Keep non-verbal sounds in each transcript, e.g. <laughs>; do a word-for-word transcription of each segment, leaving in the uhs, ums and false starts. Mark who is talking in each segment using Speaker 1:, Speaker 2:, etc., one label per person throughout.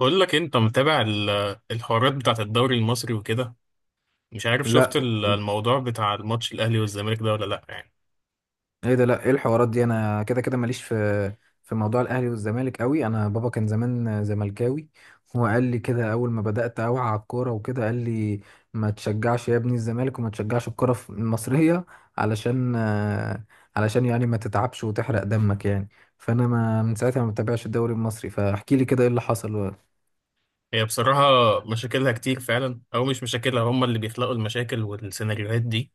Speaker 1: بقول لك إيه، انت متابع ال- الحوارات بتاعت الدوري المصري وكده. مش عارف شفت
Speaker 2: لا.
Speaker 1: ال- الموضوع بتاع الماتش الاهلي والزمالك ده ولا لا يعني.
Speaker 2: ايه ده لا ايه الحوارات دي، انا كده كده ماليش في في موضوع الاهلي والزمالك قوي. انا بابا كان زمان زملكاوي، هو قال لي كده اول ما بدات اوعى على الكوره وكده، قال لي ما تشجعش يا ابني الزمالك وما تشجعش الكوره في- المصريه، علشان آه، علشان يعني ما تتعبش وتحرق دمك يعني. فانا ما من ساعتها ما بتابعش الدوري المصري، فاحكي لي كده ايه اللي حصل. اه
Speaker 1: هي بصراحة مشاكلها كتير فعلا، او مش مشاكلها، هم اللي بيخلقوا المشاكل والسيناريوهات دي.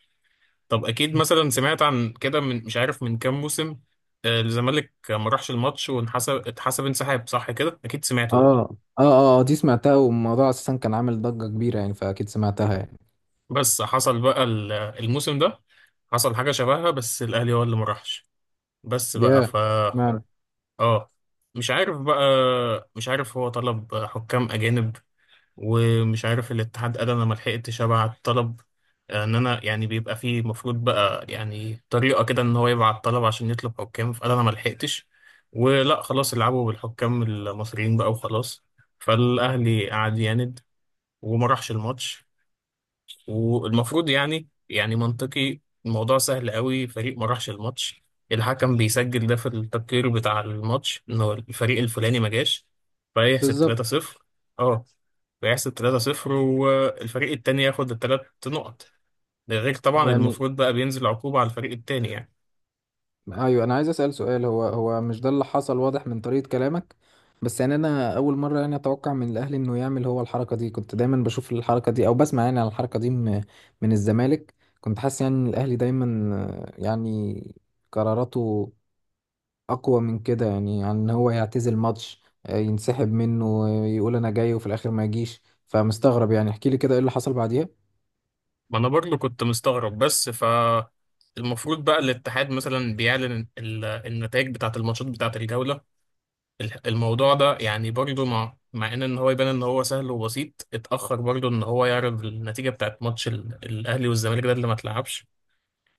Speaker 1: طب اكيد مثلا سمعت عن كده من مش عارف من كام موسم. آه، الزمالك ما راحش الماتش وانحسب، اتحسب انسحاب، صح كده؟ اكيد سمعته ده.
Speaker 2: اه اه آه، دي سمعتها، والموضوع اساسا كان عامل ضجة كبيرة يعني، فاكيد سمعتها يعني.
Speaker 1: بس حصل بقى ال- الموسم ده، حصل حاجة شبهها بس الاهلي هو اللي ما راحش بس
Speaker 2: ياه
Speaker 1: بقى.
Speaker 2: yeah.
Speaker 1: اه مش عارف بقى مش عارف هو طلب حكام اجانب، ومش عارف الاتحاد قال انا ما لحقتش ابعت طلب. ان انا يعني بيبقى فيه، المفروض بقى يعني طريقه كده ان هو يبعت طلب عشان يطلب حكام، فقال انا ما لحقتش، ولا خلاص العبوا بالحكام المصريين بقى وخلاص. فالاهلي قعد يعند وما راحش الماتش. والمفروض يعني يعني منطقي، الموضوع سهل قوي، فريق ما راحش الماتش، الحكم بيسجل ده في التقرير بتاع الماتش انه الفريق الفلاني ما جاش، فيحسب
Speaker 2: بالظبط.
Speaker 1: ثلاثة صفر. اه، فيحسب ثلاثة صفر والفريق التاني ياخد الثلاث نقط. ده غير طبعا
Speaker 2: يعني
Speaker 1: المفروض بقى بينزل عقوبة على الفريق التاني يعني.
Speaker 2: ايوه انا عايز اسال سؤال، هو هو مش ده اللي حصل؟ واضح من طريقه كلامك. بس يعني انا اول مره يعني اتوقع من الاهلي انه يعمل هو الحركه دي، كنت دايما بشوف الحركه دي او بسمع يعني عن الحركه دي من من الزمالك. كنت حاسس يعني ان الاهلي دايما آه، يعني قراراته اقوى من كده، يعني عن ان هو يعتزل ماتش، آه، ينسحب منه، آه، يقول انا جاي وفي الاخر ما يجيش. فمستغرب يعني، احكي لي كده ايه اللي حصل بعديها.
Speaker 1: ما انا برضه كنت مستغرب، بس ف المفروض بقى الاتحاد مثلا بيعلن ال- النتائج بتاعة الماتشات بتاعة الجولة. ال- الموضوع ده يعني برضو، مع مع ان ان هو يبان ان هو سهل وبسيط، اتاخر برضو ان هو يعرف النتيجه بتاعت ماتش ال- الاهلي والزمالك ده اللي ما اتلعبش.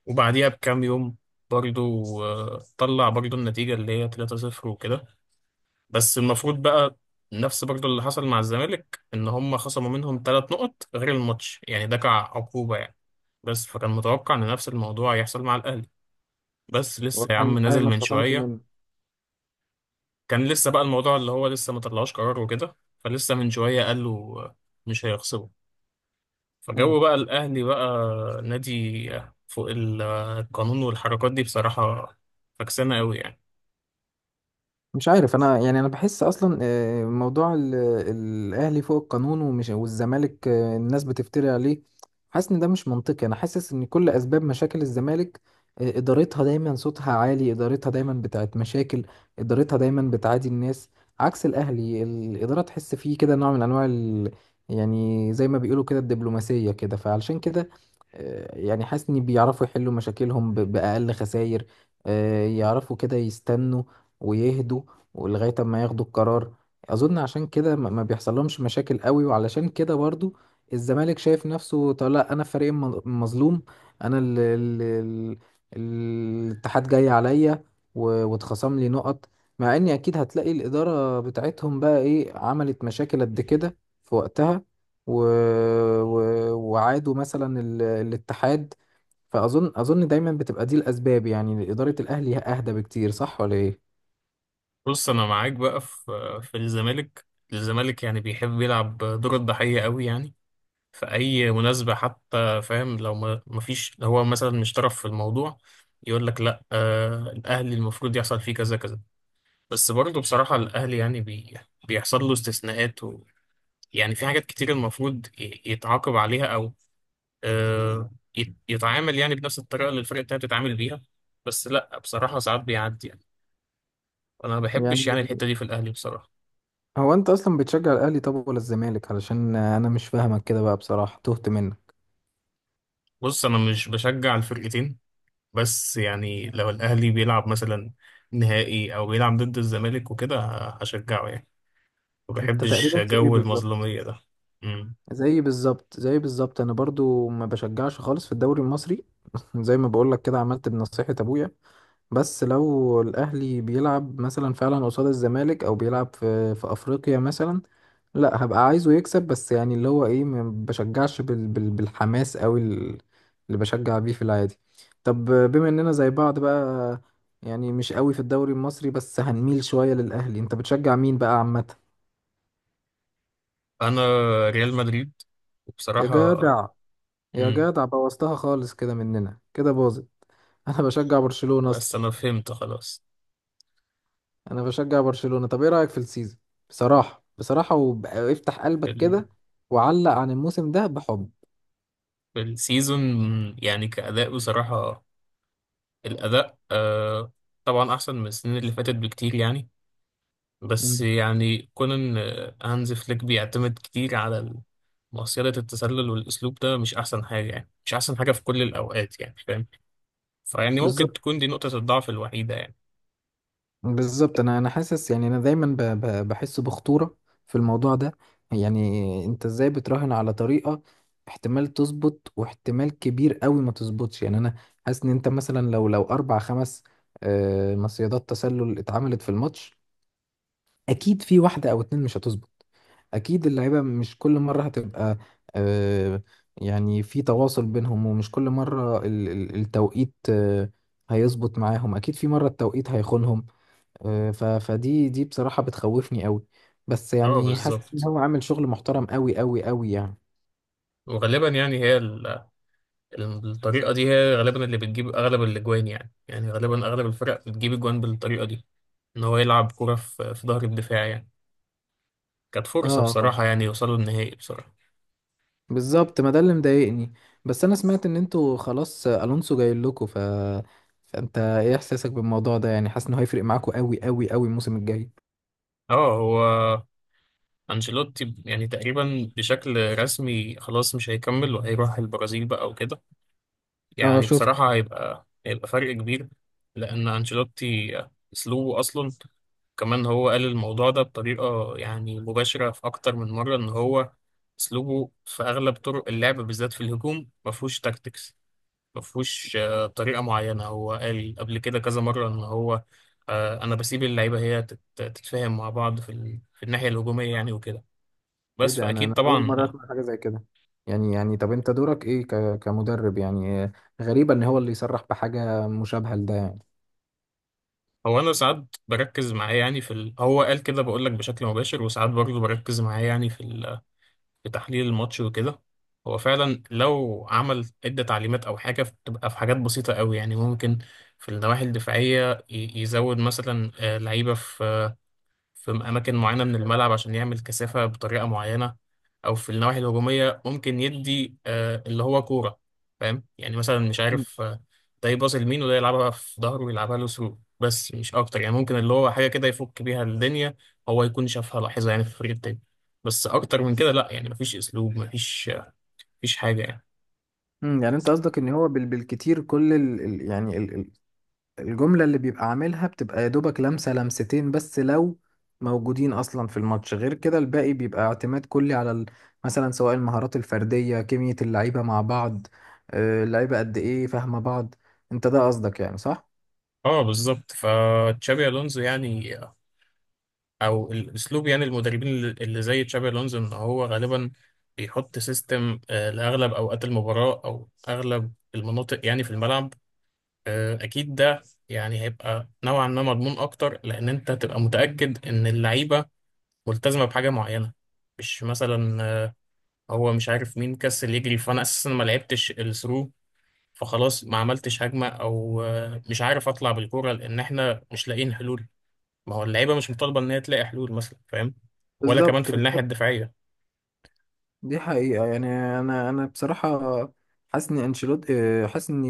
Speaker 1: وبعديها بكام يوم برضو آه، طلع برضو النتيجه اللي هي ثلاثة صفر وكده. بس المفروض بقى نفس برضو اللي حصل مع الزمالك، ان هم خصموا منهم ثلاث نقط غير الماتش يعني، ده كعقوبه يعني. بس فكان متوقع ان نفس الموضوع يحصل مع الاهلي، بس لسه يا
Speaker 2: واضح ان
Speaker 1: عم
Speaker 2: الاهلي
Speaker 1: نازل
Speaker 2: ما
Speaker 1: من
Speaker 2: اتخصمش
Speaker 1: شويه.
Speaker 2: منه.
Speaker 1: كان لسه بقى الموضوع اللي هو لسه ما طلعوش قرار وكده، فلسه من شوية قالوا مش هيخسروا. فجو بقى الأهلي بقى نادي فوق ال- القانون، والحركات دي بصراحة فكسانة قوي يعني.
Speaker 2: مش عارف انا يعني، انا بحس اصلا آه، موضوع ال- الاهلي فوق القانون ومش والزمالك آه، الناس بتفتري عليه، حاسس ان ده مش منطقي. انا حاسس ان كل اسباب مشاكل الزمالك، آه، ادارتها دايما صوتها عالي، ادارتها دايما بتاعت مشاكل، ادارتها دايما بتعادي الناس، عكس الاهلي الاداره تحس فيه كده نوع من انواع ال... يعني زي ما بيقولوا كده الدبلوماسيه كده. فعلشان كده آه، يعني حاسس ان بيعرفوا يحلوا مشاكلهم ب- باقل خسائر، آه، يعرفوا كده يستنوا ويهدوا ولغاية ما ياخدوا القرار. أظن عشان كده ما ما بيحصل لهمش مشاكل قوي، وعلشان كده برضو الزمالك شايف نفسه، طب لا أنا فريق الم- المظلوم، أنا ال ال ال الاتحاد جاي عليا و- واتخصم لي نقط، مع إني أكيد هتلاقي الإدارة بتاعتهم بقى إيه عملت مشاكل قد كده في وقتها و... و... وعادوا مثلا ال... الاتحاد. فأظن أظن دايما بتبقى دي الأسباب، يعني إدارة الأهلي أهدى بكتير، صح ولا إيه؟
Speaker 1: بص، أنا معاك بقى في في الزمالك. الزمالك يعني بيحب يلعب دور الضحية قوي يعني، في أي مناسبة حتى، فاهم؟ لو ما ما فيش، لو هو مثلا مش طرف في الموضوع يقول لك لا، آه الأهلي المفروض يحصل فيه كذا كذا. بس برضه بصراحة الأهلي يعني بي... بيحصل له استثناءات و... يعني في حاجات كتير المفروض ي- يتعاقب عليها، أو آه، يت- يتعامل يعني بنفس الطريقة اللي الفرق التانية بتتعامل بيها، بس لأ، بصراحة ساعات بيعدي يعني. أنا ما
Speaker 2: يعني
Speaker 1: بحبش يعني الحتة دي في الأهلي بصراحة.
Speaker 2: هو انت اصلا بتشجع الاهلي طب ولا الزمالك؟ علشان انا مش فاهمك كده بقى بصراحه، تهت منك.
Speaker 1: بص، أنا مش بشجع الفرقتين، بس يعني لو الأهلي بيلعب مثلا نهائي أو بيلعب ضد الزمالك وكده ه- هشجعه يعني. ما
Speaker 2: انت
Speaker 1: بحبش
Speaker 2: تقريبا زي
Speaker 1: جو
Speaker 2: بالظبط،
Speaker 1: المظلومية ده. مم.
Speaker 2: زي بالظبط زي بالظبط انا برضو ما بشجعش خالص في الدوري المصري. <laughs> زي ما بقول لك كده، عملت بنصيحه ابويا. بس لو الأهلي بيلعب مثلا فعلا قصاد الزمالك أو بيلعب في في أفريقيا مثلا، لا هبقى عايزه يكسب، بس يعني اللي هو إيه، ما بشجعش بال بال بالحماس أوي ال- اللي بشجع بيه في العادي. طب بما إننا زي بعض بقى، يعني مش قوي في الدوري المصري بس هنميل شوية للأهلي، أنت بتشجع مين بقى عامة؟
Speaker 1: أنا ريال مدريد.
Speaker 2: يا
Speaker 1: وبصراحة.
Speaker 2: جدع يا
Speaker 1: مم.
Speaker 2: جدع بوظتها خالص، كده مننا كده باظت. <laughs> أنا بشجع برشلونة
Speaker 1: بس
Speaker 2: أصلا.
Speaker 1: انا فهمت خلاص.
Speaker 2: انا بشجع برشلونة. طب ايه رأيك في السيزون؟ بصراحة بصراحة وافتح قلبك
Speaker 1: بال...
Speaker 2: كده، وعلق عن الموسم ده، بحب.
Speaker 1: بالسيزون يعني كأداء، بصراحة الأداء آه طبعا أحسن من السنين اللي فاتت بكتير يعني. بس
Speaker 2: مم.
Speaker 1: يعني كون إن هانز فليك بيعتمد كتير على ال- مصيدة التسلل، والأسلوب ده مش أحسن حاجة يعني، مش أحسن حاجة في كل الأوقات، يعني فاهم. فيعني ممكن
Speaker 2: بالظبط
Speaker 1: تكون دي نقطة الضعف الوحيدة يعني.
Speaker 2: بالظبط. انا انا حاسس يعني، انا دايما ب- ب- بحس بخطورة في الموضوع ده. يعني انت ازاي بتراهن على طريقة احتمال تظبط واحتمال كبير قوي ما تظبطش؟ يعني انا حاسس ان انت مثلا لو لو اربع خمس آه، مصيدات تسلل اتعملت في الماتش، اكيد في واحدة او اتنين مش هتظبط. اكيد اللعيبه مش كل مره هتبقى آه، يعني في تواصل بينهم، ومش كل مره ال- ال- التوقيت آه، هيظبط معاهم، اكيد في مره التوقيت هيخونهم. آه، ف- فدي دي بصراحه بتخوفني قوي. بس
Speaker 1: اه،
Speaker 2: يعني حاسس ان
Speaker 1: بالظبط.
Speaker 2: هو عامل شغل محترم قوي قوي قوي يعني.
Speaker 1: وغالبا يعني هي الطريقة دي هي غالبا اللي بتجيب أغلب الأجوان يعني يعني غالبا أغلب الفرق بتجيب أجوان بالطريقة دي، إن هو يلعب كرة في في ظهر الدفاع يعني. كانت
Speaker 2: اه
Speaker 1: فرصة
Speaker 2: آه.
Speaker 1: بصراحة يعني يوصلوا النهائي بصراحة.
Speaker 2: بالظبط، ما ده اللي مضايقني. بس انا سمعت ان انتوا خلاص الونسو جاي لكم، ف فانت ايه احساسك بالموضوع ده؟ يعني حاسس انه هيفرق معاكم قوي قوي قوي الموسم الجاي؟
Speaker 1: اه، هو أنشيلوتي يعني تقريبا بشكل رسمي خلاص مش هيكمل وهيروح البرازيل بقى وكده.
Speaker 2: اه
Speaker 1: يعني
Speaker 2: شفت.
Speaker 1: بصراحة هيبقى هيبقى فرق كبير، لأن أنشيلوتي أسلوبه أصلا، كمان هو قال الموضوع ده بطريقة يعني مباشرة في أكتر من مرة، إن هو أسلوبه في أغلب طرق اللعب بالذات في الهجوم مفهوش تاكتكس، مفهوش آه، طريقة معينة. هو قال قبل كده كذا مرة إن هو آه، أنا بسيب اللعيبة هي تت- تتفاهم مع بعض في ال- في الناحية الهجومية يعني وكده،
Speaker 2: ايه
Speaker 1: بس
Speaker 2: ده، انا
Speaker 1: فأكيد
Speaker 2: انا اول
Speaker 1: طبعا.
Speaker 2: مره اسمع حاجه زي كده. يعني يعني طب انت دورك ايه ك... كمدرب يعني؟ آه، غريبه ان هو اللي يصرح بحاجه مشابهه لده يعني.
Speaker 1: هو أنا ساعات بركز معاه يعني في ال... هو قال كده، بقول لك بشكل مباشر، وساعات برضه بركز معاه يعني في ال... في تحليل الماتش وكده. هو فعلا لو عمل عدة تعليمات أو حاجة بتبقى في حاجات بسيطة قوي يعني، ممكن في النواحي الدفاعية ي- يزود مثلا آه، لعيبة في في أماكن معينة من الملعب عشان يعمل كثافة بطريقة معينة، أو في النواحي الهجومية ممكن يدي آه، اللي هو كورة، فاهم يعني؟ مثلا مش
Speaker 2: مم.
Speaker 1: عارف، آه، ده يباص لمين وده يلعبها في ظهره ويلعبها له ثرو، بس مش أكتر يعني. ممكن اللي هو حاجة كده يفك بيها الدنيا، هو يكون شافها لاحظها يعني في الفريق التاني، بس أكتر من كده لأ يعني. مفيش أسلوب، مفيش آه، مفيش حاجة يعني.
Speaker 2: مم، يعني انت قصدك ان هو بال... بالكتير كل ال... ال- يعني ال... ال- الجمله اللي بيبقى عاملها بتبقى يا دوبك لمسه لمستين بس لو موجودين اصلا في الماتش، غير كده الباقي بيبقى اعتماد كلي على ال... مثلا سواء المهارات الفرديه، كيمياء اللعيبه مع بعض، آه، اللعيبه قد ايه فاهمه بعض. انت ده قصدك يعني، صح؟
Speaker 1: اه، بالظبط. فتشابي الونزو يعني، او الاسلوب يعني المدربين اللي اللي زي تشابي الونزو، ان هو غالبا بيحط سيستم آه، لاغلب اوقات المباراه او اغلب المناطق يعني في الملعب. آه، اكيد ده يعني هيبقى نوعا ما مضمون اكتر، لان انت هتبقى متاكد ان اللعيبه ملتزمه بحاجه معينه، مش مثلا آه، هو مش عارف مين كسل يجري، فانا اساسا ما لعبتش الثرو، فخلاص ما عملتش هجمه، او آه، مش عارف اطلع بالكوره لان احنا مش لاقيين حلول. ما هو اللعيبه مش مطالبه ان هي تلاقي حلول مثلا، فاهم؟ ولا كمان
Speaker 2: بالظبط
Speaker 1: في الناحيه
Speaker 2: بالظبط،
Speaker 1: الدفاعيه.
Speaker 2: دي حقيقة يعني. أنا أنا بصراحة حاسس إن أنشيلوتي، حاسس إن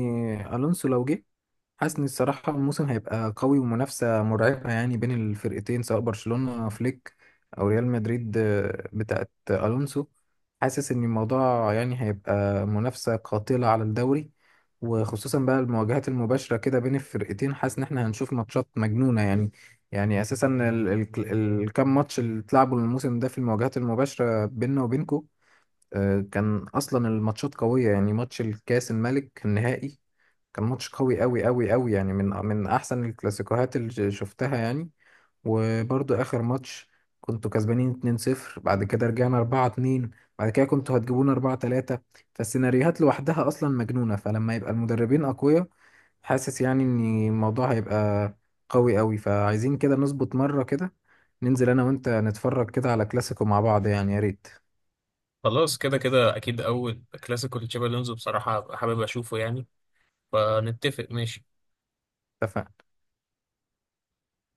Speaker 2: ألونسو لو جه، حاسس إن الصراحة الموسم هيبقى قوي ومنافسة مرعبة يعني بين الفرقتين، سواء برشلونة فليك أو ريال مدريد آه، بتاعت ألونسو. حاسس إن الموضوع يعني هيبقى منافسة قاتلة على الدوري، وخصوصا بقى المواجهات المباشرة كده بين الفرقتين، حاسس إن إحنا هنشوف ماتشات مجنونة يعني. يعني أساسا ال- ال- الكام ماتش اللي اتلعبوا الموسم ده في المواجهات المباشرة بيننا وبينكو، آه، كان اصلا الماتشات قويه يعني. ماتش الكاس الملك النهائي كان ماتش قوي قوي قوي قوي يعني، من من احسن الكلاسيكوهات اللي ش- شفتها يعني. وبرضو اخر ماتش كنتوا كسبانين اتنين صفر، بعد كده رجعنا اربعة اتنين، بعد كده كنتوا هتجيبونا اربعة تلاتة. فالسيناريوهات لوحدها اصلا مجنونه، فلما يبقى المدربين اقوياء حاسس يعني ان الموضوع هيبقى قوي قوي. فعايزين كده نظبط مره كده، ننزل انا وانت نتفرج كده على كلاسيكو مع بعض يعني، يا ريت.
Speaker 1: خلاص، كده كده اكيد اول كلاسيكو لتشابي الونزو بصراحه هبقى حابب اشوفه يعني، فنتفق ماشي.
Speaker 2: اتفقنا.